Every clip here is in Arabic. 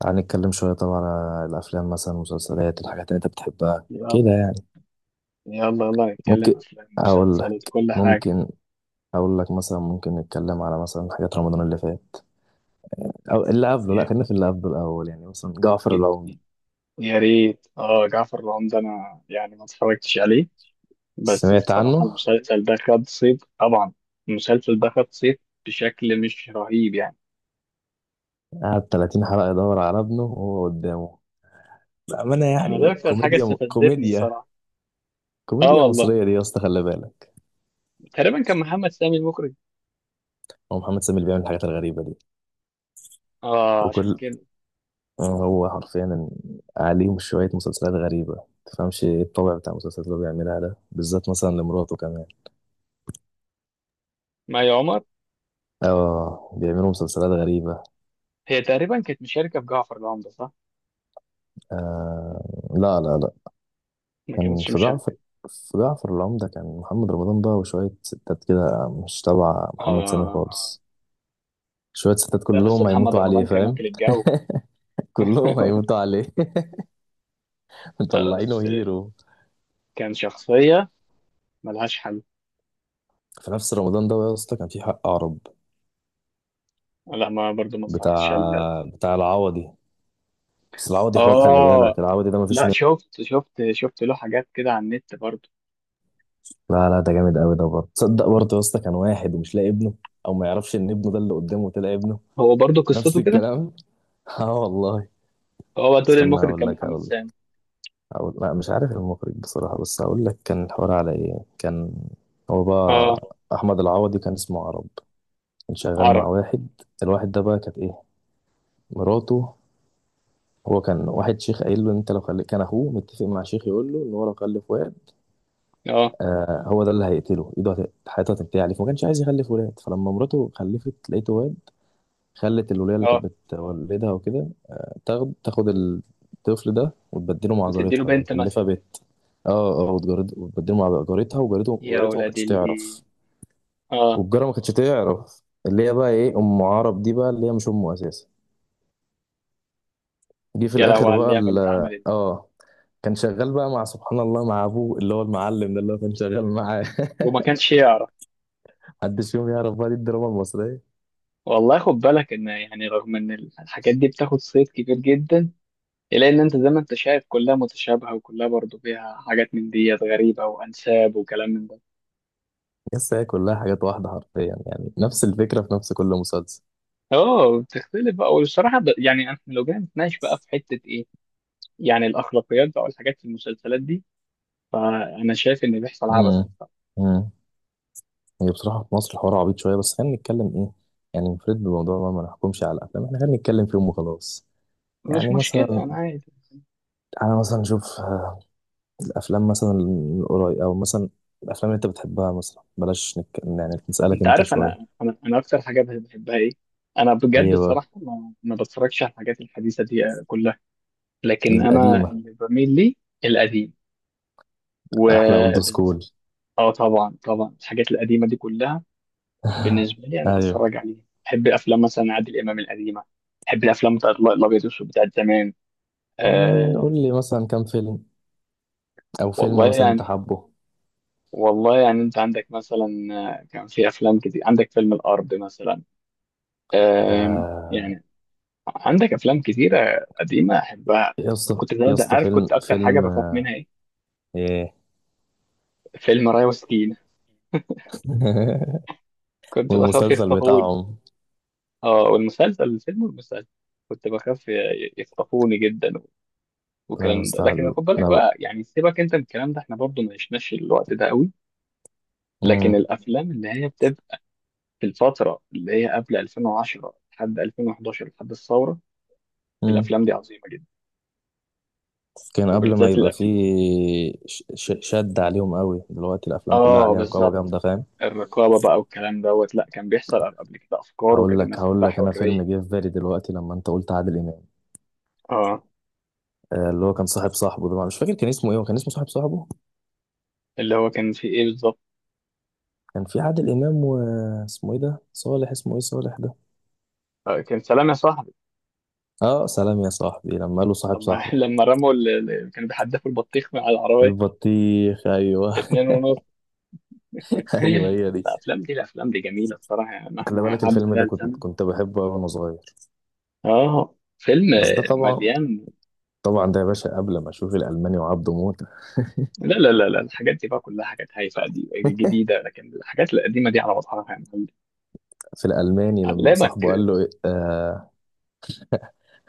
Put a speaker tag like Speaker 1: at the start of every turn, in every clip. Speaker 1: تعال نتكلم شوية طبعا على الأفلام مثلا المسلسلات الحاجات اللي أنت بتحبها
Speaker 2: يلا
Speaker 1: كده يعني.
Speaker 2: يلا يلا
Speaker 1: ممكن
Speaker 2: نتكلم أفلام
Speaker 1: أقول
Speaker 2: مسلسلات
Speaker 1: لك
Speaker 2: كل حاجة.
Speaker 1: ممكن أقول لك مثلا ممكن نتكلم على مثلا حاجات رمضان اللي فات أو اللي قبله، لا
Speaker 2: يا
Speaker 1: خلينا في اللي قبله الأول يعني مثلا جعفر العمدة.
Speaker 2: يا ريت جعفر العمدة، أنا يعني ما اتفرجتش عليه. بس
Speaker 1: سمعت
Speaker 2: الصراحة
Speaker 1: عنه.
Speaker 2: المسلسل ده خد صيت طبعا. المسلسل ده خد صيت بشكل مش رهيب يعني.
Speaker 1: قعد 30 حلقة يدور على ابنه وهو قدامه بأمانة،
Speaker 2: أنا ده
Speaker 1: يعني
Speaker 2: أكتر حاجة
Speaker 1: كوميديا
Speaker 2: استفزتني
Speaker 1: كوميديا
Speaker 2: الصراحة. اه
Speaker 1: كوميديا
Speaker 2: والله
Speaker 1: مصرية دي يا اسطى خلي بالك.
Speaker 2: تقريبا كان محمد سامي المخرج.
Speaker 1: هو محمد سامي اللي بيعمل الحاجات الغريبة دي.
Speaker 2: اه عشان
Speaker 1: وكل
Speaker 2: كده.
Speaker 1: هو حرفيا عليهم شوية مسلسلات غريبة، تفهمش ايه الطبع بتاع المسلسلات اللي هو بيعملها ده بالذات مثلا لمراته كمان.
Speaker 2: مي عمر،
Speaker 1: اه بيعملوا مسلسلات غريبة.
Speaker 2: هي تقريبا كانت مشاركة في جعفر العمدة، صح؟
Speaker 1: آه، لا لا لا.
Speaker 2: ما
Speaker 1: كان
Speaker 2: كانتش
Speaker 1: في
Speaker 2: مشاركة.
Speaker 1: جعفر في جعفر العمدة كان محمد رمضان بقى وشوية ستات كده مش تبع
Speaker 2: اه،
Speaker 1: محمد سامي
Speaker 2: آه.
Speaker 1: خالص. شوية ستات
Speaker 2: لا بس
Speaker 1: كلهم
Speaker 2: محمد
Speaker 1: هيموتوا عليه
Speaker 2: رمضان كان
Speaker 1: فاهم.
Speaker 2: واكل الجو.
Speaker 1: كلهم هيموتوا عليه.
Speaker 2: بس
Speaker 1: مطلعينه هيرو.
Speaker 2: كان شخصية ملهاش حل.
Speaker 1: في نفس رمضان ده يا اسطى كان في حق عرب.
Speaker 2: لا، ما برضو ما اتفرجتش
Speaker 1: بتاع
Speaker 2: على.
Speaker 1: بتاع العوضي. بس العوضي حوار، خلي
Speaker 2: اه
Speaker 1: بالك العوضي ده مفيش
Speaker 2: لا،
Speaker 1: منه.
Speaker 2: شفت له حاجات كده على النت برضو.
Speaker 1: لا لا، ده جامد قوي ده برضه، تصدق برضه يا اسطى كان واحد ومش لاقي ابنه او ما يعرفش ان ابنه ده اللي قدامه طلع ابنه.
Speaker 2: هو برضو
Speaker 1: نفس
Speaker 2: قصته كده.
Speaker 1: الكلام. اه والله.
Speaker 2: هو دول
Speaker 1: استنى
Speaker 2: المخرج
Speaker 1: اقول
Speaker 2: كان
Speaker 1: لك
Speaker 2: محمد
Speaker 1: اقول لك
Speaker 2: سامي.
Speaker 1: لا مش عارف المخرج بصراحة، بس اقول لك كان الحوار على ايه. كان هو
Speaker 2: اه،
Speaker 1: بقى احمد العوضي كان اسمه عرب، كان شغال مع
Speaker 2: عرب.
Speaker 1: واحد. الواحد ده بقى كانت ايه، مراته. هو كان واحد شيخ قايل له انت لو خلي، كان اخوه متفق مع شيخ يقول له ان هو لو خلف واد،
Speaker 2: اه
Speaker 1: آه، هو ده اللي هيقتله ايده حياته هتنتهي عليه، فما كانش عايز يخلف ولاد. فلما مراته خلفت لقيته واد، خلت الولية اللي
Speaker 2: اه،
Speaker 1: كانت بتولدها وكده تاخد الطفل ده وتبدله مع
Speaker 2: وتديله
Speaker 1: جارتها اللي
Speaker 2: بنت مثلا.
Speaker 1: مخلفة بنت. اه اه، وتبدله مع جارتها،
Speaker 2: يا
Speaker 1: جارتها ما
Speaker 2: ولاد
Speaker 1: كانتش
Speaker 2: الايه.
Speaker 1: تعرف.
Speaker 2: اه،
Speaker 1: والجارة ما كانتش تعرف، اللي هي بقى ايه ام عرب دي بقى، اللي هي مش امه اساسا. جه في
Speaker 2: يا لهو
Speaker 1: الاخر
Speaker 2: على
Speaker 1: بقى
Speaker 2: اللعبة اللي اتعملت.
Speaker 1: كان شغال بقى مع سبحان الله مع ابوه اللي هو المعلم ده اللي هو كان شغال معاه.
Speaker 2: وما كانش يعرف.
Speaker 1: محدش فيهم يعرف بقى، دي الدراما المصرية.
Speaker 2: والله خد بالك ان يعني رغم ان الحاجات دي بتاخد صيت كبير جدا، الا ان انت زي ما انت شايف كلها متشابهه، وكلها برضو فيها حاجات من ديت غريبه وانساب وكلام من ده.
Speaker 1: يس، هي كلها حاجات واحدة حرفيا يعني، نفس الفكرة في نفس كل مسلسل.
Speaker 2: اه بتختلف بقى والصراحه يعني احنا لو جينا نتناقش بقى في حته ايه. يعني الاخلاقيات بقى والحاجات في المسلسلات دي، فانا شايف ان بيحصل عبث
Speaker 1: امم
Speaker 2: بصراحة.
Speaker 1: امم هي بصراحة في مصر الحوار عبيط شوية، بس خلينا نتكلم ايه يعني، نفرد بالموضوع بقى، ما نحكمش على الأفلام، احنا خلينا نتكلم فيهم وخلاص.
Speaker 2: مش
Speaker 1: يعني
Speaker 2: مشكله
Speaker 1: مثلا
Speaker 2: انا عادي.
Speaker 1: أنا مثلا أشوف الأفلام مثلا القريب أو مثلا الأفلام اللي أنت بتحبها، مثلا بلاش يعني نسألك
Speaker 2: انت
Speaker 1: أنت
Speaker 2: عارف انا
Speaker 1: شوية.
Speaker 2: اكتر حاجه بحبها ايه. انا بجد
Speaker 1: ايه بقى.
Speaker 2: الصراحه ما بتفرجش على الحاجات الحديثه دي كلها. لكن انا
Speaker 1: القديمة.
Speaker 2: اللي بميل ليه القديم. و
Speaker 1: أحلى أولد سكول.
Speaker 2: اه طبعا طبعا الحاجات القديمه دي كلها بالنسبه لي انا
Speaker 1: أيوه.
Speaker 2: بتفرج عليها. بحب افلام مثلا عادل امام القديمه. بحب الافلام بتاعت الابيض والاسود بتاعت زمان.
Speaker 1: يعني
Speaker 2: آه.
Speaker 1: قول لي مثلا كام فيلم أو
Speaker 2: والله
Speaker 1: فيلم مثلا أنت
Speaker 2: يعني.
Speaker 1: حابه.
Speaker 2: انت عندك مثلا، كان في افلام كتير. عندك فيلم الارض مثلا.
Speaker 1: ده
Speaker 2: يعني عندك افلام كتيره قديمه احبها.
Speaker 1: يا اسطى
Speaker 2: كنت ده
Speaker 1: يا
Speaker 2: ده
Speaker 1: اسطى
Speaker 2: عارف،
Speaker 1: فيلم
Speaker 2: كنت اكتر حاجه
Speaker 1: فيلم
Speaker 2: بخاف منها ايه؟
Speaker 1: ايه.
Speaker 2: فيلم رايا وسكينه. كنت بخاف
Speaker 1: والمسلسل
Speaker 2: يخطفوني.
Speaker 1: بتاعهم.
Speaker 2: اه، والمسلسل، الفيلم والمسلسل. كنت بخاف يخطفوني جدا
Speaker 1: لا
Speaker 2: والكلام ده. لكن
Speaker 1: استاذ
Speaker 2: خد بالك
Speaker 1: لو.
Speaker 2: بقى يعني، سيبك انت من الكلام ده، احنا برضو ما عشناش الوقت ده قوي. لكن
Speaker 1: مم.
Speaker 2: الافلام اللي هي بتبقى في الفترة اللي هي قبل 2010 لحد 2011 لحد الثورة،
Speaker 1: مم.
Speaker 2: الأفلام دي عظيمة جدا،
Speaker 1: كان قبل ما
Speaker 2: وبالذات
Speaker 1: يبقى
Speaker 2: الأفلام.
Speaker 1: فيه شد عليهم قوي دلوقتي، الافلام كلها
Speaker 2: آه
Speaker 1: عليها رقابه
Speaker 2: بالظبط.
Speaker 1: جامده فاهم.
Speaker 2: الرقابة بقى والكلام دوت، لا كان بيحصل قبل كده أفكار،
Speaker 1: هقول
Speaker 2: وكانت
Speaker 1: لك
Speaker 2: الناس
Speaker 1: هقول
Speaker 2: عندها
Speaker 1: لك انا. فيلم
Speaker 2: حرية.
Speaker 1: جه في بالي دلوقتي لما انت قلت عادل امام،
Speaker 2: آه،
Speaker 1: آه، اللي هو كان صاحب صاحبه ده مش فاكر كان اسمه ايه، هو كان اسمه صاحب صاحبه.
Speaker 2: اللي هو كان في إيه بالظبط؟
Speaker 1: كان في عادل امام، واسمه ايه ده، صالح، اسمه ايه، صالح ده.
Speaker 2: آه، كان سلام يا صاحبي.
Speaker 1: اه، سلام يا صاحبي لما قاله
Speaker 2: طب
Speaker 1: صاحب
Speaker 2: ما
Speaker 1: صاحبه.
Speaker 2: لما رموا اللي كانوا بيحدفوا البطيخ من على العربية،
Speaker 1: البطيخ ايوه.
Speaker 2: اتنين ونص.
Speaker 1: ايوه هي دي.
Speaker 2: الأفلام دي جميلة الصراحة، يعني
Speaker 1: خلي
Speaker 2: مهما
Speaker 1: بالك
Speaker 2: عدى
Speaker 1: الفيلم
Speaker 2: عليها
Speaker 1: ده كنت
Speaker 2: الزمن.
Speaker 1: كنت بحبه أوي وانا صغير،
Speaker 2: آه، فيلم
Speaker 1: بس ده طبعا
Speaker 2: مليان.
Speaker 1: طبعا، ده يا باشا قبل ما اشوف الالماني وعبده موته.
Speaker 2: لا لا لا لا، الحاجات دي بقى كلها حاجات هايفه قديمه جديده، لكن الحاجات القديمه دي على مصحف يا معلم.
Speaker 1: في الالماني لما
Speaker 2: علمك.
Speaker 1: صاحبه قال له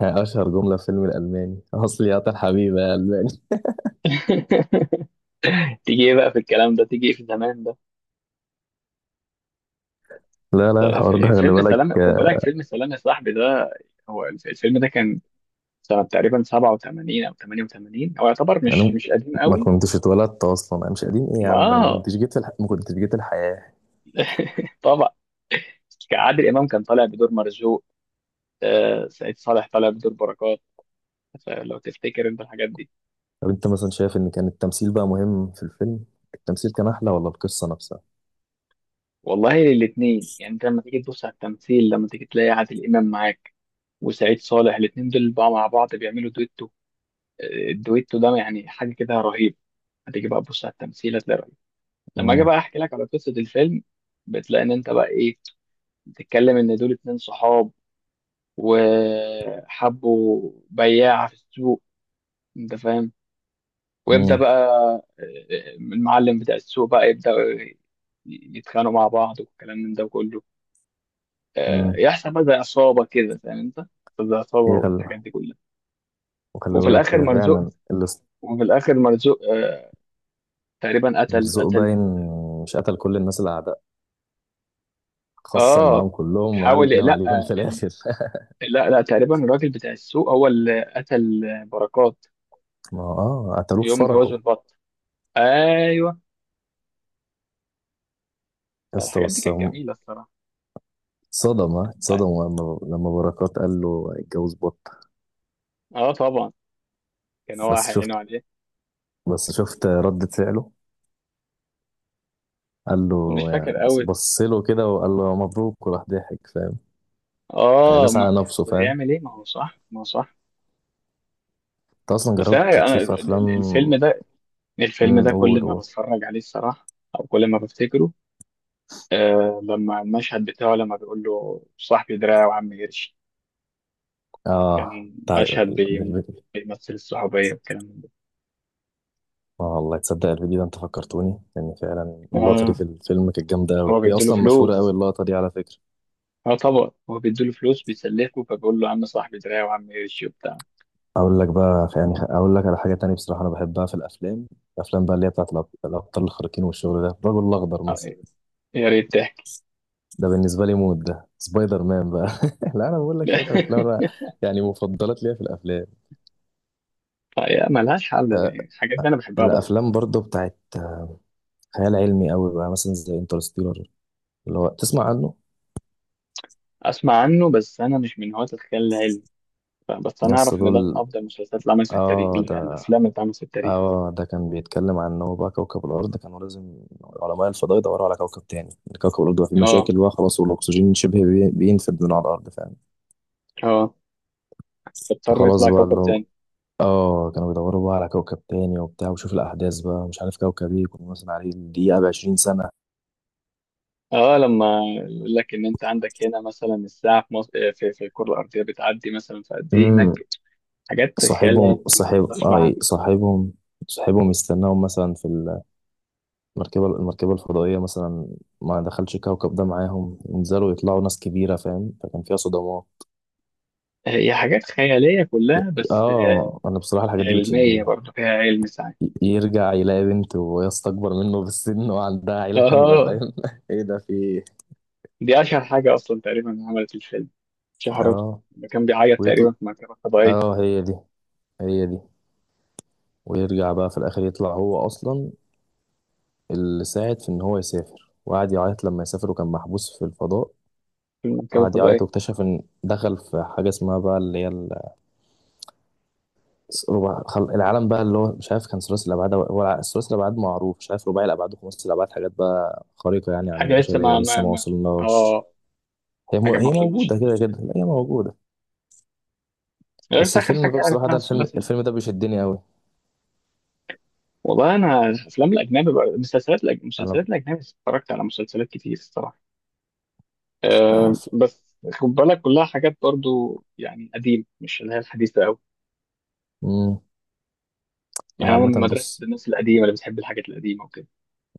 Speaker 1: اشهر جمله في فيلم الالماني. اصلي يا طال حبيبي يا الماني.
Speaker 2: تيجي ايه بقى في الكلام ده، تيجي ايه في زمان ده.
Speaker 1: لا لا،
Speaker 2: طيب،
Speaker 1: الحوار ده
Speaker 2: في
Speaker 1: خلي
Speaker 2: فيلم
Speaker 1: بالك،
Speaker 2: سلام، خد
Speaker 1: آه،
Speaker 2: بالك فيلم سلام يا صاحبي ده، هو الفيلم ده كان سنه تقريبا 87 او 88، هو يعتبر مش
Speaker 1: انا
Speaker 2: قديم
Speaker 1: ما
Speaker 2: قوي.
Speaker 1: كنتش اتولدت اصلا، انا مش قديم ايه يا
Speaker 2: ما
Speaker 1: عم، ده انا ما كنتش جيت ما كنتش جيت الحياه.
Speaker 2: طبعا. كان عادل امام كان طالع بدور مرزوق. سعيد صالح طالع بدور بركات. لو تفتكر انت الحاجات دي.
Speaker 1: طب انت مثلا شايف ان كان التمثيل بقى مهم في الفيلم، التمثيل كان احلى ولا القصه نفسها.
Speaker 2: والله الاثنين يعني، انت لما تيجي تبص على التمثيل، لما تيجي تلاقي عادل امام معاك وسعيد صالح، الاثنين دول بقى مع بعض بيعملوا دويتو. الدويتو ده يعني حاجه كده رهيب. هتيجي بقى تبص على التمثيل، هتلاقي رهيب. لما اجي
Speaker 1: امم.
Speaker 2: بقى احكي لك على قصه الفيلم، بتلاقي ان انت بقى ايه، بتتكلم ان دول اتنين صحاب، وحبوا بياعه في السوق، انت فاهم. ويبدا
Speaker 1: امم.
Speaker 2: بقى المعلم بتاع السوق بقى يبدا، يتخانقوا مع بعض والكلام من ده كله.
Speaker 1: امم.
Speaker 2: يحصل بقى زي عصابة كده، فاهم انت، زي عصابة
Speaker 1: هي خل...
Speaker 2: والحاجات دي كلها.
Speaker 1: وخلي
Speaker 2: وفي
Speaker 1: بالك
Speaker 2: الآخر
Speaker 1: هي
Speaker 2: مرزوق.
Speaker 1: فعلا اللي،
Speaker 2: وفي الآخر مرزوق، تقريبا قتل
Speaker 1: مرزوق باين،
Speaker 2: قتل
Speaker 1: مش قتل كل الناس اللي خصم معاهم
Speaker 2: اه
Speaker 1: كلهم
Speaker 2: حاول،
Speaker 1: وعلم
Speaker 2: لا
Speaker 1: عليهم في الاخر.
Speaker 2: لا لا، تقريبا الراجل بتاع السوق هو اللي قتل بركات
Speaker 1: ما هو قتلوه في
Speaker 2: يوم
Speaker 1: فرحه.
Speaker 2: جوازه البط. ايوه،
Speaker 1: يا اسطى
Speaker 2: الحاجات دي
Speaker 1: بس
Speaker 2: كانت جميلة الصراحة.
Speaker 1: اتصدم، ها،
Speaker 2: طيب.
Speaker 1: اتصدم لما بركات قال له اتجوز بط.
Speaker 2: اه طبعا، كان هو
Speaker 1: بس
Speaker 2: هيعينه
Speaker 1: شفت
Speaker 2: عليه.
Speaker 1: بس شفت ردة فعله، قال له،
Speaker 2: مش فاكر قوي.
Speaker 1: بص له كده وقال له مبروك وراح ضحك فاهم، يعني
Speaker 2: اه،
Speaker 1: داس
Speaker 2: ما
Speaker 1: على نفسه
Speaker 2: أصل
Speaker 1: فاهم.
Speaker 2: هيعمل ايه، ما هو صح، ما هو صح.
Speaker 1: انت اصلا
Speaker 2: بس
Speaker 1: جربت
Speaker 2: انا،
Speaker 1: تشوف افلام.
Speaker 2: الفيلم ده، الفيلم
Speaker 1: امم،
Speaker 2: ده
Speaker 1: قول
Speaker 2: كل ما
Speaker 1: قول.
Speaker 2: بتفرج عليه الصراحة أو كل ما بفتكره، لما المشهد بتاعه، لما بيقول له صاحبي دراعي وعم قرش،
Speaker 1: اه
Speaker 2: كان
Speaker 1: تع...
Speaker 2: مشهد
Speaker 1: بالفيديو.
Speaker 2: بيمثل الصحوبية والكلام من ده.
Speaker 1: اه والله، تصدق الفيديو ده انت فكرتوني، لان فعلا اللقطه دي في
Speaker 2: آه
Speaker 1: الفيلم كانت جامده قوي،
Speaker 2: هو
Speaker 1: هي
Speaker 2: بيديله
Speaker 1: اصلا مشهوره قوي
Speaker 2: فلوس.
Speaker 1: اللقطه دي على فكره.
Speaker 2: اه طبعا هو بيديله فلوس بيسلفه، فبيقول له عم صاحبي دراعي وعم قرش وبتاع.
Speaker 1: اقول لك على حاجه تانية بصراحه، انا بحبها في الافلام. الافلام بقى اللي هي بتاعت الابطال الخارقين والشغل ده، الرجل الاخضر
Speaker 2: آه،
Speaker 1: مثلا،
Speaker 2: يا ريت تحكي.
Speaker 1: ده بالنسبه لي مود، ده سبايدر مان بقى. لا انا بقول لك شويه افلام أنا يعني مفضلات ليا في الافلام.
Speaker 2: هي ملهاش حل
Speaker 1: أه
Speaker 2: يعني، الحاجات دي أنا بحبها برضه.
Speaker 1: الافلام برضو بتاعت خيال علمي قوي بقى مثلا زي انترستيلر، اللي هو تسمع عنه.
Speaker 2: أسمع عنه، بس أنا مش من هواة الخيال العلمي، بس أنا
Speaker 1: يس
Speaker 2: أعرف إن ده من
Speaker 1: دول.
Speaker 2: أفضل المسلسلات اللي عملت في التاريخ،
Speaker 1: اه ده
Speaker 2: الأفلام اللي اتعملت في التاريخ.
Speaker 1: اه ده كان بيتكلم عن ان هو بقى كوكب الارض كانوا لازم علماء الفضاء يدوروا على كوكب تاني. كوكب الارض بقى فيه
Speaker 2: اه.
Speaker 1: مشاكل بقى خلاص والاكسجين شبه بينفد من على الارض فاهم.
Speaker 2: اه، تضطر
Speaker 1: فخلاص
Speaker 2: يطلع
Speaker 1: بقى
Speaker 2: كوكب
Speaker 1: اللي هو،
Speaker 2: تاني.
Speaker 1: اه كانوا بيدوروا بقى على كوكب تاني وبتاع، وشوف الأحداث بقى، مش عارف كوكب ايه كنا مثلا عليه الدقيقة ب20 سنة.
Speaker 2: اه لما يقول لك ان انت عندك هنا مثلا الساعه في مصر، في الكره الارضيه بتعدي مثلا في قد ايه هناك.
Speaker 1: امم.
Speaker 2: حاجات خيال
Speaker 1: صاحبهم
Speaker 2: علمي،
Speaker 1: صاحب
Speaker 2: مش
Speaker 1: اه إيه،
Speaker 2: معنى.
Speaker 1: صاحبهم صاحبهم يستناهم مثلا في المركبة الفضائية مثلا. ما دخلش الكوكب ده معاهم، ينزلوا يطلعوا ناس كبيرة فاهم، فكان فيها صدمات.
Speaker 2: هي حاجات خياليه كلها، بس
Speaker 1: اه انا بصراحة الحاجات دي
Speaker 2: علميه
Speaker 1: بتشدني.
Speaker 2: برضه، فيها علم ساعات.
Speaker 1: يرجع يلاقي بنت وهي اكبر منه بالسن وعندها عيلة كاملة
Speaker 2: اه،
Speaker 1: فاهم. ايه ده، في إيه؟
Speaker 2: دي اشهر حاجه اصلا تقريبا عملت الفيلم شهرته،
Speaker 1: اه
Speaker 2: لما كان بيعيط
Speaker 1: ويطلع.
Speaker 2: تقريبا في مركبه فضائيه.
Speaker 1: اه هي دي هي دي. ويرجع بقى في الاخر يطلع هو اصلا اللي ساعد في ان هو يسافر، وقعد يعيط لما يسافر وكان محبوس في الفضاء.
Speaker 2: في مركبه
Speaker 1: قعد يعيط
Speaker 2: فضائيه
Speaker 1: واكتشف ان دخل في حاجه اسمها بقى اللي هي ربع العالم بقى اللي هو مش عارف، كان ثلاثي الابعاد هو ثلاثي الابعاد معروف، مش عارف رباعي الابعاد وخماسي الابعاد، حاجات بقى خارقه يعني عن
Speaker 2: حاجه لسه
Speaker 1: البشريه
Speaker 2: ما
Speaker 1: لسه
Speaker 2: ما
Speaker 1: ما
Speaker 2: ما
Speaker 1: وصلناش.
Speaker 2: اه حاجه ما
Speaker 1: هي
Speaker 2: وصلناش
Speaker 1: موجوده كده
Speaker 2: للعلم
Speaker 1: كده،
Speaker 2: لسه.
Speaker 1: لا هي موجوده.
Speaker 2: بس
Speaker 1: بس
Speaker 2: اخر
Speaker 1: الفيلم بقى
Speaker 2: حاجه
Speaker 1: بصراحه
Speaker 2: عرفناها
Speaker 1: ده الفيلم
Speaker 2: الثلاثي.
Speaker 1: الفيلم ده بيشدني قوي.
Speaker 2: والله انا الافلام الاجنبي بقى، المسلسلات
Speaker 1: انا
Speaker 2: المسلسلات الاجنبي، اتفرجت على مسلسلات كتير الصراحه.
Speaker 1: آه،
Speaker 2: أه،
Speaker 1: ف-
Speaker 2: بس خد بالك كلها حاجات برضو يعني قديم، مش اللي هي الحديثه قوي.
Speaker 1: مم. انا
Speaker 2: يعني انا
Speaker 1: عامه
Speaker 2: من مدرسه
Speaker 1: بص،
Speaker 2: الناس القديمه اللي بتحب الحاجات القديمه وكده.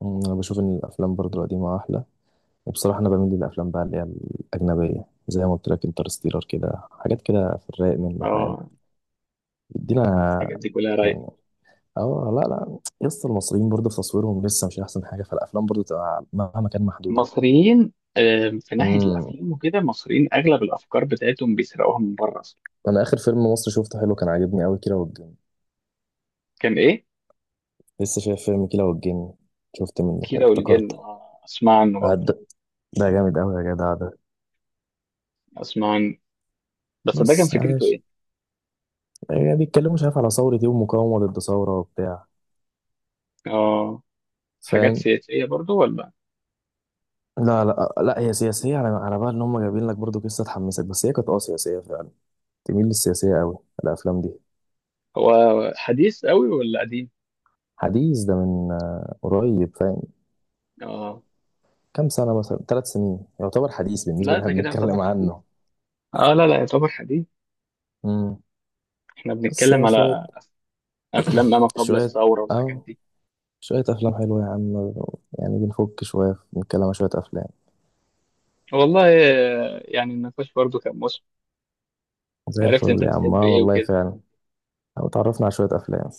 Speaker 1: انا بشوف ان الافلام برضو القديمه احلى، وبصراحة أنا بميل للأفلام بقى اللي هي الأجنبية، زي ما قلت لك انترستيلر كده حاجات كده في الرايق منه فاهم،
Speaker 2: اه،
Speaker 1: يدينا
Speaker 2: الحاجات دي كلها رايقه.
Speaker 1: يعني. اه لا لا، يس المصريين برضه في تصويرهم لسه مش أحسن حاجة، فالأفلام برضه تبقى مهما كان محدودة.
Speaker 2: مصريين، في ناحيه
Speaker 1: امم
Speaker 2: الافلام وكده، مصريين اغلب الافكار بتاعتهم بيسرقوها من بره اصلا.
Speaker 1: أنا آخر فيلم مصري شفته حلو كان عاجبني أوي كيرة والجن.
Speaker 2: كان ايه؟
Speaker 1: لسه شايف فيلم كيرة والجن، شفت منه كده
Speaker 2: كيرة والجن.
Speaker 1: افتكرته.
Speaker 2: اه اسمع عنه
Speaker 1: آه،
Speaker 2: برضه.
Speaker 1: ده جامد أوي يا جدع ده.
Speaker 2: اسمع عنه، بس ده كان
Speaker 1: بص
Speaker 2: فكرته
Speaker 1: عايش،
Speaker 2: ايه؟
Speaker 1: يعني بيتكلموا مش عارف على ثورة إيه ومقاومة ضد ثورة وبتاع
Speaker 2: اه، حاجات
Speaker 1: فاهم.
Speaker 2: سياسيه برضو ولا؟
Speaker 1: لا لا لا، هي سياسية، على بال ان هم جايبين لك برضو قصة تحمسك، بس هي كانت سياسية فعلا، تميل للسياسية قوي الافلام دي.
Speaker 2: هو حديث قوي ولا قديم؟
Speaker 1: حديث، ده من قريب فاهم.
Speaker 2: اه،
Speaker 1: كام سنة، مثلا 3 سنين يعتبر حديث بالنسبة
Speaker 2: لا
Speaker 1: اللي
Speaker 2: ده
Speaker 1: احنا
Speaker 2: كده يعتبر
Speaker 1: بنتكلم
Speaker 2: حديث.
Speaker 1: عنه.
Speaker 2: اه، لا لا يعتبر حديث.
Speaker 1: امم
Speaker 2: احنا
Speaker 1: بس
Speaker 2: بنتكلم
Speaker 1: هي شوية،
Speaker 2: على افلام ما قبل
Speaker 1: شوية
Speaker 2: الثوره والحاجات
Speaker 1: او
Speaker 2: دي.
Speaker 1: شوية افلام حلوة يا عم، يعني بنفك شوية بنتكلم عن شوية افلام.
Speaker 2: والله. يعني النقاش برضو كان مصر.
Speaker 1: زي
Speaker 2: عرفت
Speaker 1: الفل
Speaker 2: انت
Speaker 1: يا عم،
Speaker 2: بتحب
Speaker 1: آه
Speaker 2: ايه
Speaker 1: والله
Speaker 2: وكده.
Speaker 1: فعلا، او اتعرفنا على شوية افلام.